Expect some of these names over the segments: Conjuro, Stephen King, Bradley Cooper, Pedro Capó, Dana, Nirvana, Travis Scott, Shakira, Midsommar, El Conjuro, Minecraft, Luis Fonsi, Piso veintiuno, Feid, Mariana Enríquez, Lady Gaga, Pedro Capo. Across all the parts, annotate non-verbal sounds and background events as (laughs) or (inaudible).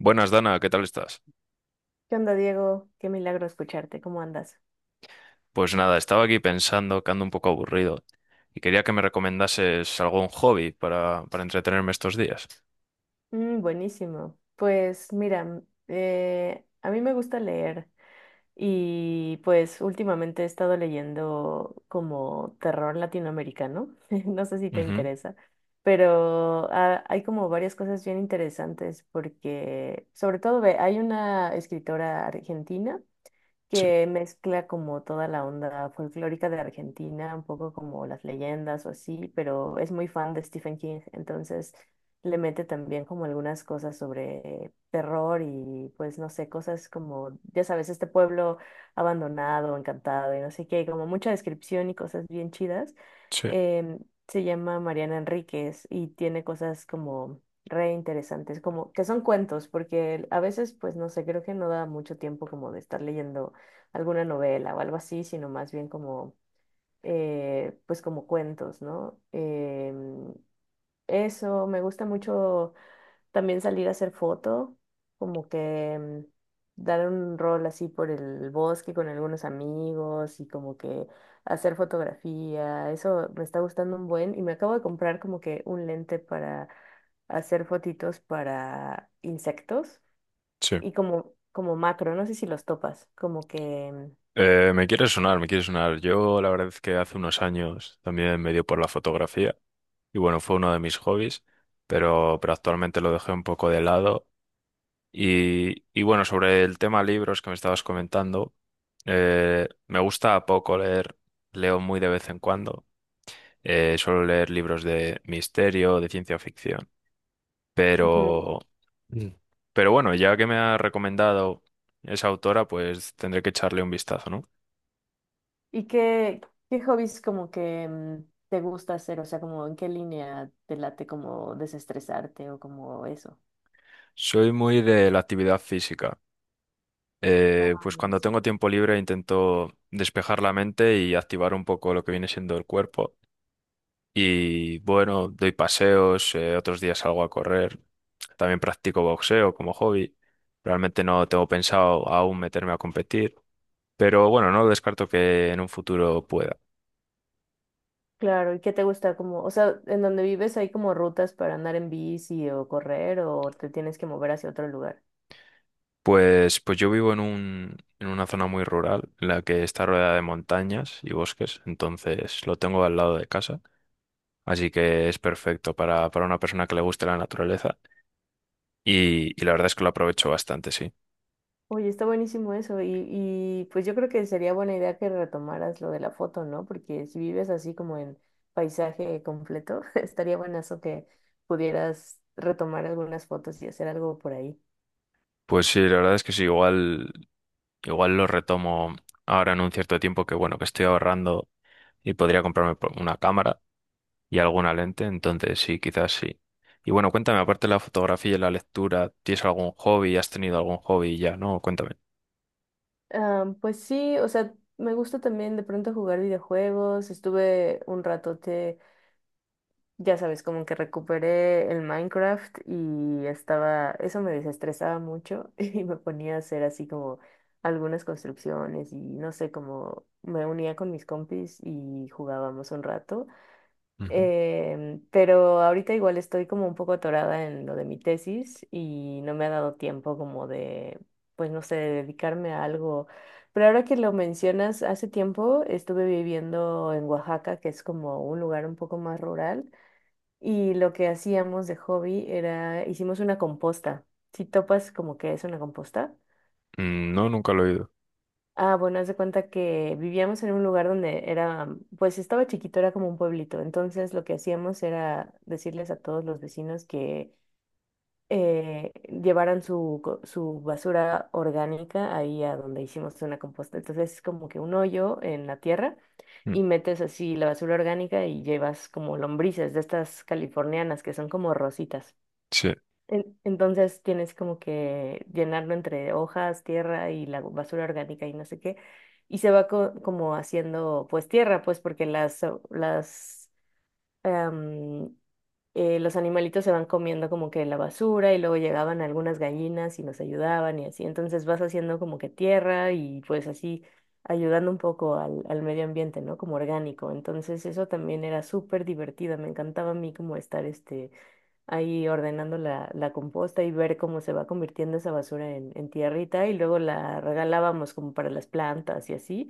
Buenas, Dana, ¿qué tal estás? ¿Qué onda, Diego? Qué milagro escucharte. ¿Cómo andas? Pues nada, estaba aquí pensando que ando un poco aburrido y quería que me recomendases algún hobby para entretenerme estos días. Mm, buenísimo. Pues mira, a mí me gusta leer y pues últimamente he estado leyendo como terror latinoamericano. (laughs) No sé si te Ujú. interesa, pero hay como varias cosas bien interesantes porque sobre todo ve, hay una escritora argentina, Sí, que mezcla como toda la onda folclórica de Argentina, un poco como las leyendas o así, pero es muy fan de Stephen King, entonces le mete también como algunas cosas sobre terror y pues no sé, cosas como, ya sabes, este pueblo abandonado, encantado y no sé qué, como mucha descripción y cosas bien chidas. sí, Em, Se llama Mariana Enríquez y tiene cosas como re interesantes, como que son cuentos, porque a veces, pues no sé, creo que no da mucho tiempo como de estar leyendo alguna novela o algo así, sino más bien como, pues como cuentos, ¿no? Eso, me gusta mucho también salir a hacer foto, como que dar un rol así por el bosque con algunos amigos y como que hacer fotografía, eso me está gustando un buen y me acabo de comprar como que un lente para hacer fotitos para insectos sí. y como, como macro, no sé si los topas, como que... Me quiere sonar, me quiere sonar. Yo la verdad es que hace unos años también me dio por la fotografía y bueno, fue uno de mis hobbies, pero actualmente lo dejé un poco de lado. Y bueno, sobre el tema libros que me estabas comentando, me gusta poco leer, leo muy de vez en cuando. Suelo leer libros de misterio, de ciencia ficción. ujú. Pero… Mm. Pero bueno, ya que me ha recomendado esa autora, pues tendré que echarle un vistazo, ¿no? ¿Y qué, qué hobbies como que te gusta hacer? O sea, como en qué línea te late como desestresarte o como eso. Soy muy de la actividad física. Ah, Pues cuando buenísimo. tengo tiempo libre intento despejar la mente y activar un poco lo que viene siendo el cuerpo. Y bueno, doy paseos, otros días salgo a correr. También practico boxeo como hobby. Realmente no tengo pensado aún meterme a competir. Pero bueno, no lo descarto que en un futuro pueda. Claro, ¿y qué te gusta? Como, o sea, ¿en donde vives hay como rutas para andar en bici o correr o te tienes que mover hacia otro lugar? Pues yo vivo en una zona muy rural, en la que está rodeada de montañas y bosques, entonces lo tengo al lado de casa, así que es perfecto para una persona que le guste la naturaleza y la verdad es que lo aprovecho bastante, sí. Oye, está buenísimo eso y pues yo creo que sería buena idea que retomaras lo de la foto, ¿no? Porque si vives así como en paisaje completo, (laughs) estaría buenazo que pudieras retomar algunas fotos y hacer algo por ahí. Pues sí, la verdad es que sí, igual, igual lo retomo ahora en un cierto tiempo que bueno, que estoy ahorrando y podría comprarme una cámara y alguna lente, entonces sí, quizás sí. Y bueno, cuéntame, aparte de la fotografía y la lectura, ¿tienes algún hobby? ¿Has tenido algún hobby ya? No, cuéntame. Ah, pues sí, o sea, me gusta también de pronto jugar videojuegos. Estuve un ratote, ya sabes, como que recuperé el Minecraft y estaba, eso me desestresaba mucho (laughs) y me ponía a hacer así como algunas construcciones y no sé, como me unía con mis compis y jugábamos un rato. Ujú. Pero ahorita igual estoy como un poco atorada en lo de mi tesis y no me ha dado tiempo como de, pues no sé, de dedicarme a algo. Pero ahora que lo mencionas, hace tiempo estuve viviendo en Oaxaca, que es como un lugar un poco más rural, y lo que hacíamos de hobby era, hicimos una composta. Si topas como que es una composta. Mm. No, nunca lo he oído. Ah, bueno, haz de cuenta que vivíamos en un lugar donde era, pues estaba chiquito, era como un pueblito. Entonces lo que hacíamos era decirles a todos los vecinos que llevaran su, su basura orgánica ahí a donde hicimos una composta. Entonces es como que un hoyo en la tierra Mm. y metes así la basura orgánica y llevas como lombrices de estas californianas que son como rositas. Sí. Entonces tienes como que llenarlo entre hojas, tierra y la basura orgánica y no sé qué. Y se va como haciendo pues tierra, pues porque las, las, em, los animalitos se van comiendo como que la basura y luego llegaban algunas gallinas y nos ayudaban y así. Entonces vas haciendo como que tierra y pues así ayudando un poco al medio ambiente, ¿no? Como orgánico. Entonces eso también era súper divertido. Me encantaba a mí como estar este ahí ordenando la, la composta y ver cómo se va convirtiendo esa basura en tierrita y luego la regalábamos como para las plantas y así.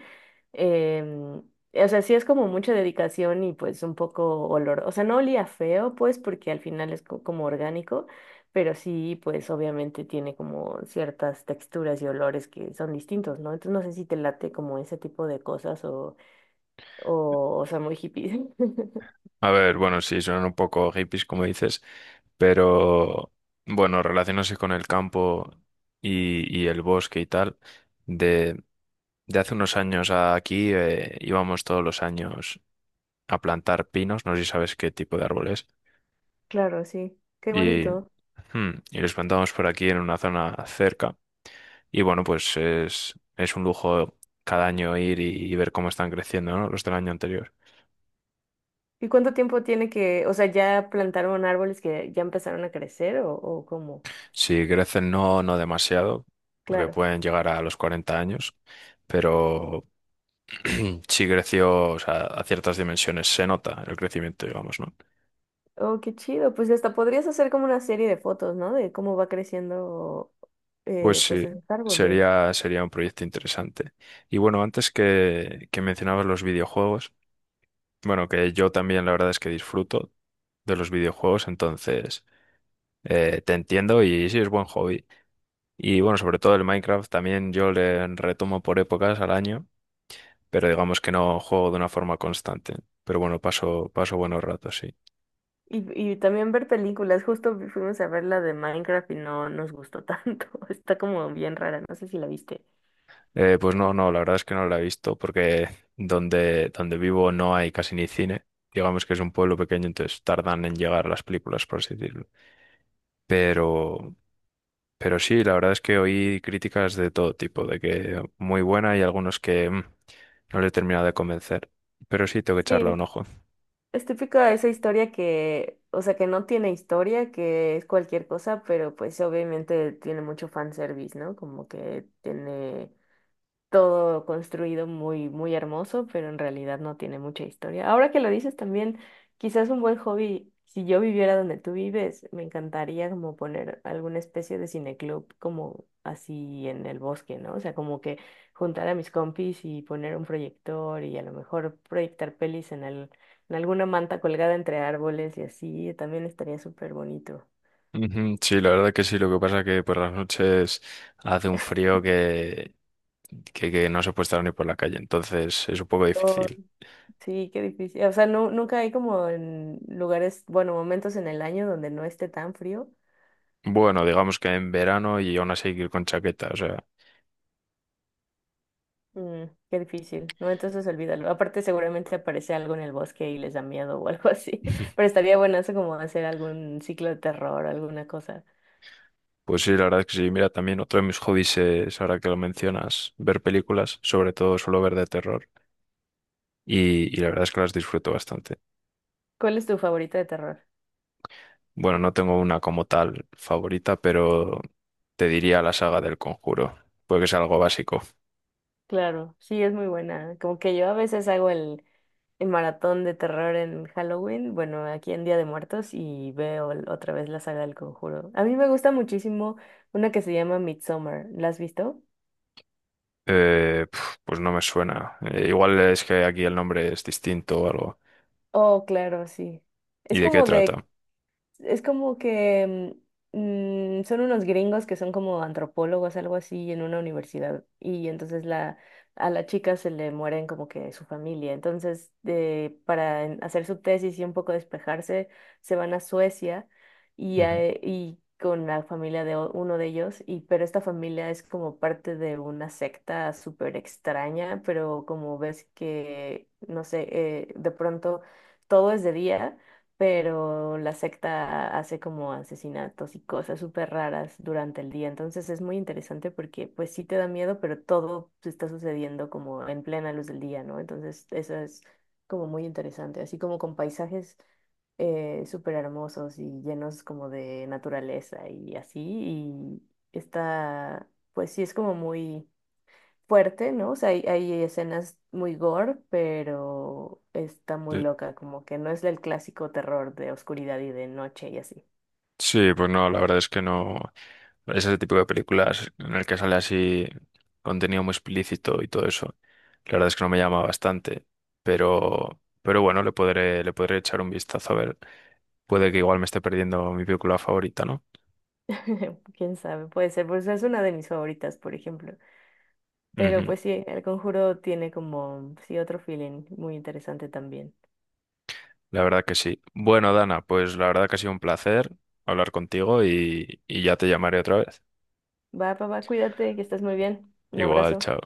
Em, o sea, sí es como mucha dedicación y pues un poco olor. O sea, no olía feo pues porque al final es como orgánico, pero sí pues obviamente tiene como ciertas texturas y olores que son distintos, ¿no? Entonces no sé si te late como ese tipo de cosas o sea, muy hippie. (laughs) A ver, bueno, sí, suenan un poco hippies, como dices, pero bueno, relacionándose con el campo y el bosque y tal, de, de hace unos años a aquí íbamos todos los años a plantar pinos, no sé si sabes qué tipo de árboles Claro, sí. Qué y, bonito. hmm, y los plantamos por aquí en una zona cerca. Y bueno, pues es un lujo cada año ir y ver cómo están creciendo, ¿no? Los del año anterior. ¿Y cuánto tiempo tiene que, o sea, ya plantaron árboles que ya empezaron a crecer o cómo? Si crecen, no, no demasiado, porque Claro. pueden llegar a los 40 años, pero (clears throat) sí creció, o sea, a ciertas dimensiones se nota el crecimiento, digamos, ¿no? Oh, qué chido. Pues hasta podrías hacer como una serie de fotos, ¿no? De cómo va creciendo, Pues pues sí, esos árboles. sería, sería un proyecto interesante. Y bueno, antes que mencionabas los videojuegos, bueno, que yo también la verdad es que disfruto de los videojuegos, entonces te entiendo y sí es buen hobby. Y bueno, sobre todo el Minecraft también yo le retomo por épocas al año, pero digamos que no juego de una forma constante. Pero bueno, paso, paso buenos ratos, sí. Y, y también ver películas. Justo fuimos a ver la de Minecraft y no nos gustó tanto. (laughs) Está como bien rara. No sé si la viste. Pues no, no, la verdad es que no la he visto porque donde vivo no hay casi ni cine. Digamos que es un pueblo pequeño, entonces tardan en llegar las películas, por así decirlo. Pero… Pero sí, la verdad es que oí críticas de todo tipo, de que muy buena y algunos que no le he terminado de convencer. Pero sí, tengo que echarle Sí, un ojo. es típica esa historia que, o sea, que no tiene historia, que es cualquier cosa, pero pues obviamente tiene mucho fanservice, ¿no? Como que tiene todo construido muy, muy hermoso, pero en realidad no tiene mucha historia. Ahora que lo dices también, quizás un buen hobby, si yo viviera donde tú vives, me encantaría como poner alguna especie de cineclub como así en el bosque, ¿no? O sea, como que juntar a mis compis y poner un proyector y a lo mejor proyectar pelis en alguna manta colgada entre árboles y así, también estaría súper bonito. Ujú. Sí, la verdad que sí. Lo que pasa que por las noches hace un frío que no se puede estar ni por la calle, entonces es un poco difícil. Sí, qué difícil. O sea, no, nunca hay como en lugares, bueno, momentos en el año donde no esté tan frío. Bueno, digamos que en verano y aún así ir con chaqueta, o sea… Mm, qué difícil, ¿no? Entonces olvídalo. Aparte, seguramente aparece algo en el bosque y les da miedo o algo así. (laughs) Pero (laughs) estaría buenazo como hacer algún ciclo de terror o alguna cosa. Pues sí, la verdad es que sí. Mira, también otro de mis hobbies es, ahora que lo mencionas, ver películas, sobre todo suelo ver de terror y la verdad es que las disfruto bastante. ¿Cuál es tu favorita de terror? Bueno, no tengo una como tal favorita, pero te diría la saga del Conjuro, porque es algo básico. Claro, sí, es muy buena. Como que yo a veces hago el maratón de terror en Halloween, bueno, aquí en Día de Muertos y veo otra vez la saga del Conjuro. A mí me gusta muchísimo una que se llama Midsommar. ¿La has visto? Pues no me suena. Igual es que aquí el nombre es distinto o algo. Oh, claro, sí. ¿Y Es de qué como de trata? es como que son unos gringos que son como antropólogos, algo así, en una universidad. Y entonces la, a la chica se le mueren como que su familia. Entonces, de, para hacer su tesis y un poco despejarse, se van a Suecia y, Ujú. Y con la familia de uno de ellos. Y, pero esta familia es como parte de una secta súper extraña, pero como ves que, no sé, de pronto todo es de día pero la secta hace como asesinatos y cosas súper raras durante el día. Entonces es muy interesante porque pues sí te da miedo, pero todo se está sucediendo como en plena luz del día, ¿no? Entonces eso es como muy interesante, así como con paisajes súper hermosos y llenos como de naturaleza y así. Y está, pues sí es como muy fuerte, ¿no? O sea, hay escenas muy gore, pero está Sí. muy loca, como que no es el clásico terror de oscuridad y de noche y así. Sí, pues no, la verdad es que no. Es ese tipo de películas en el que sale así contenido muy explícito y todo eso. La verdad es que no me llama bastante, pero bueno, le podré echar un vistazo a ver. Puede que igual me esté perdiendo mi película favorita, ¿no? (laughs) Quién sabe, puede ser, pues es una de mis favoritas, por ejemplo. Pero Ujú. pues sí, El Conjuro tiene como, sí, otro feeling muy interesante también. La verdad que sí. Bueno, Dana, pues la verdad que ha sido un placer hablar contigo y ya te llamaré otra vez. Va, papá, cuídate, que estás muy bien. Un Igual, abrazo. chao.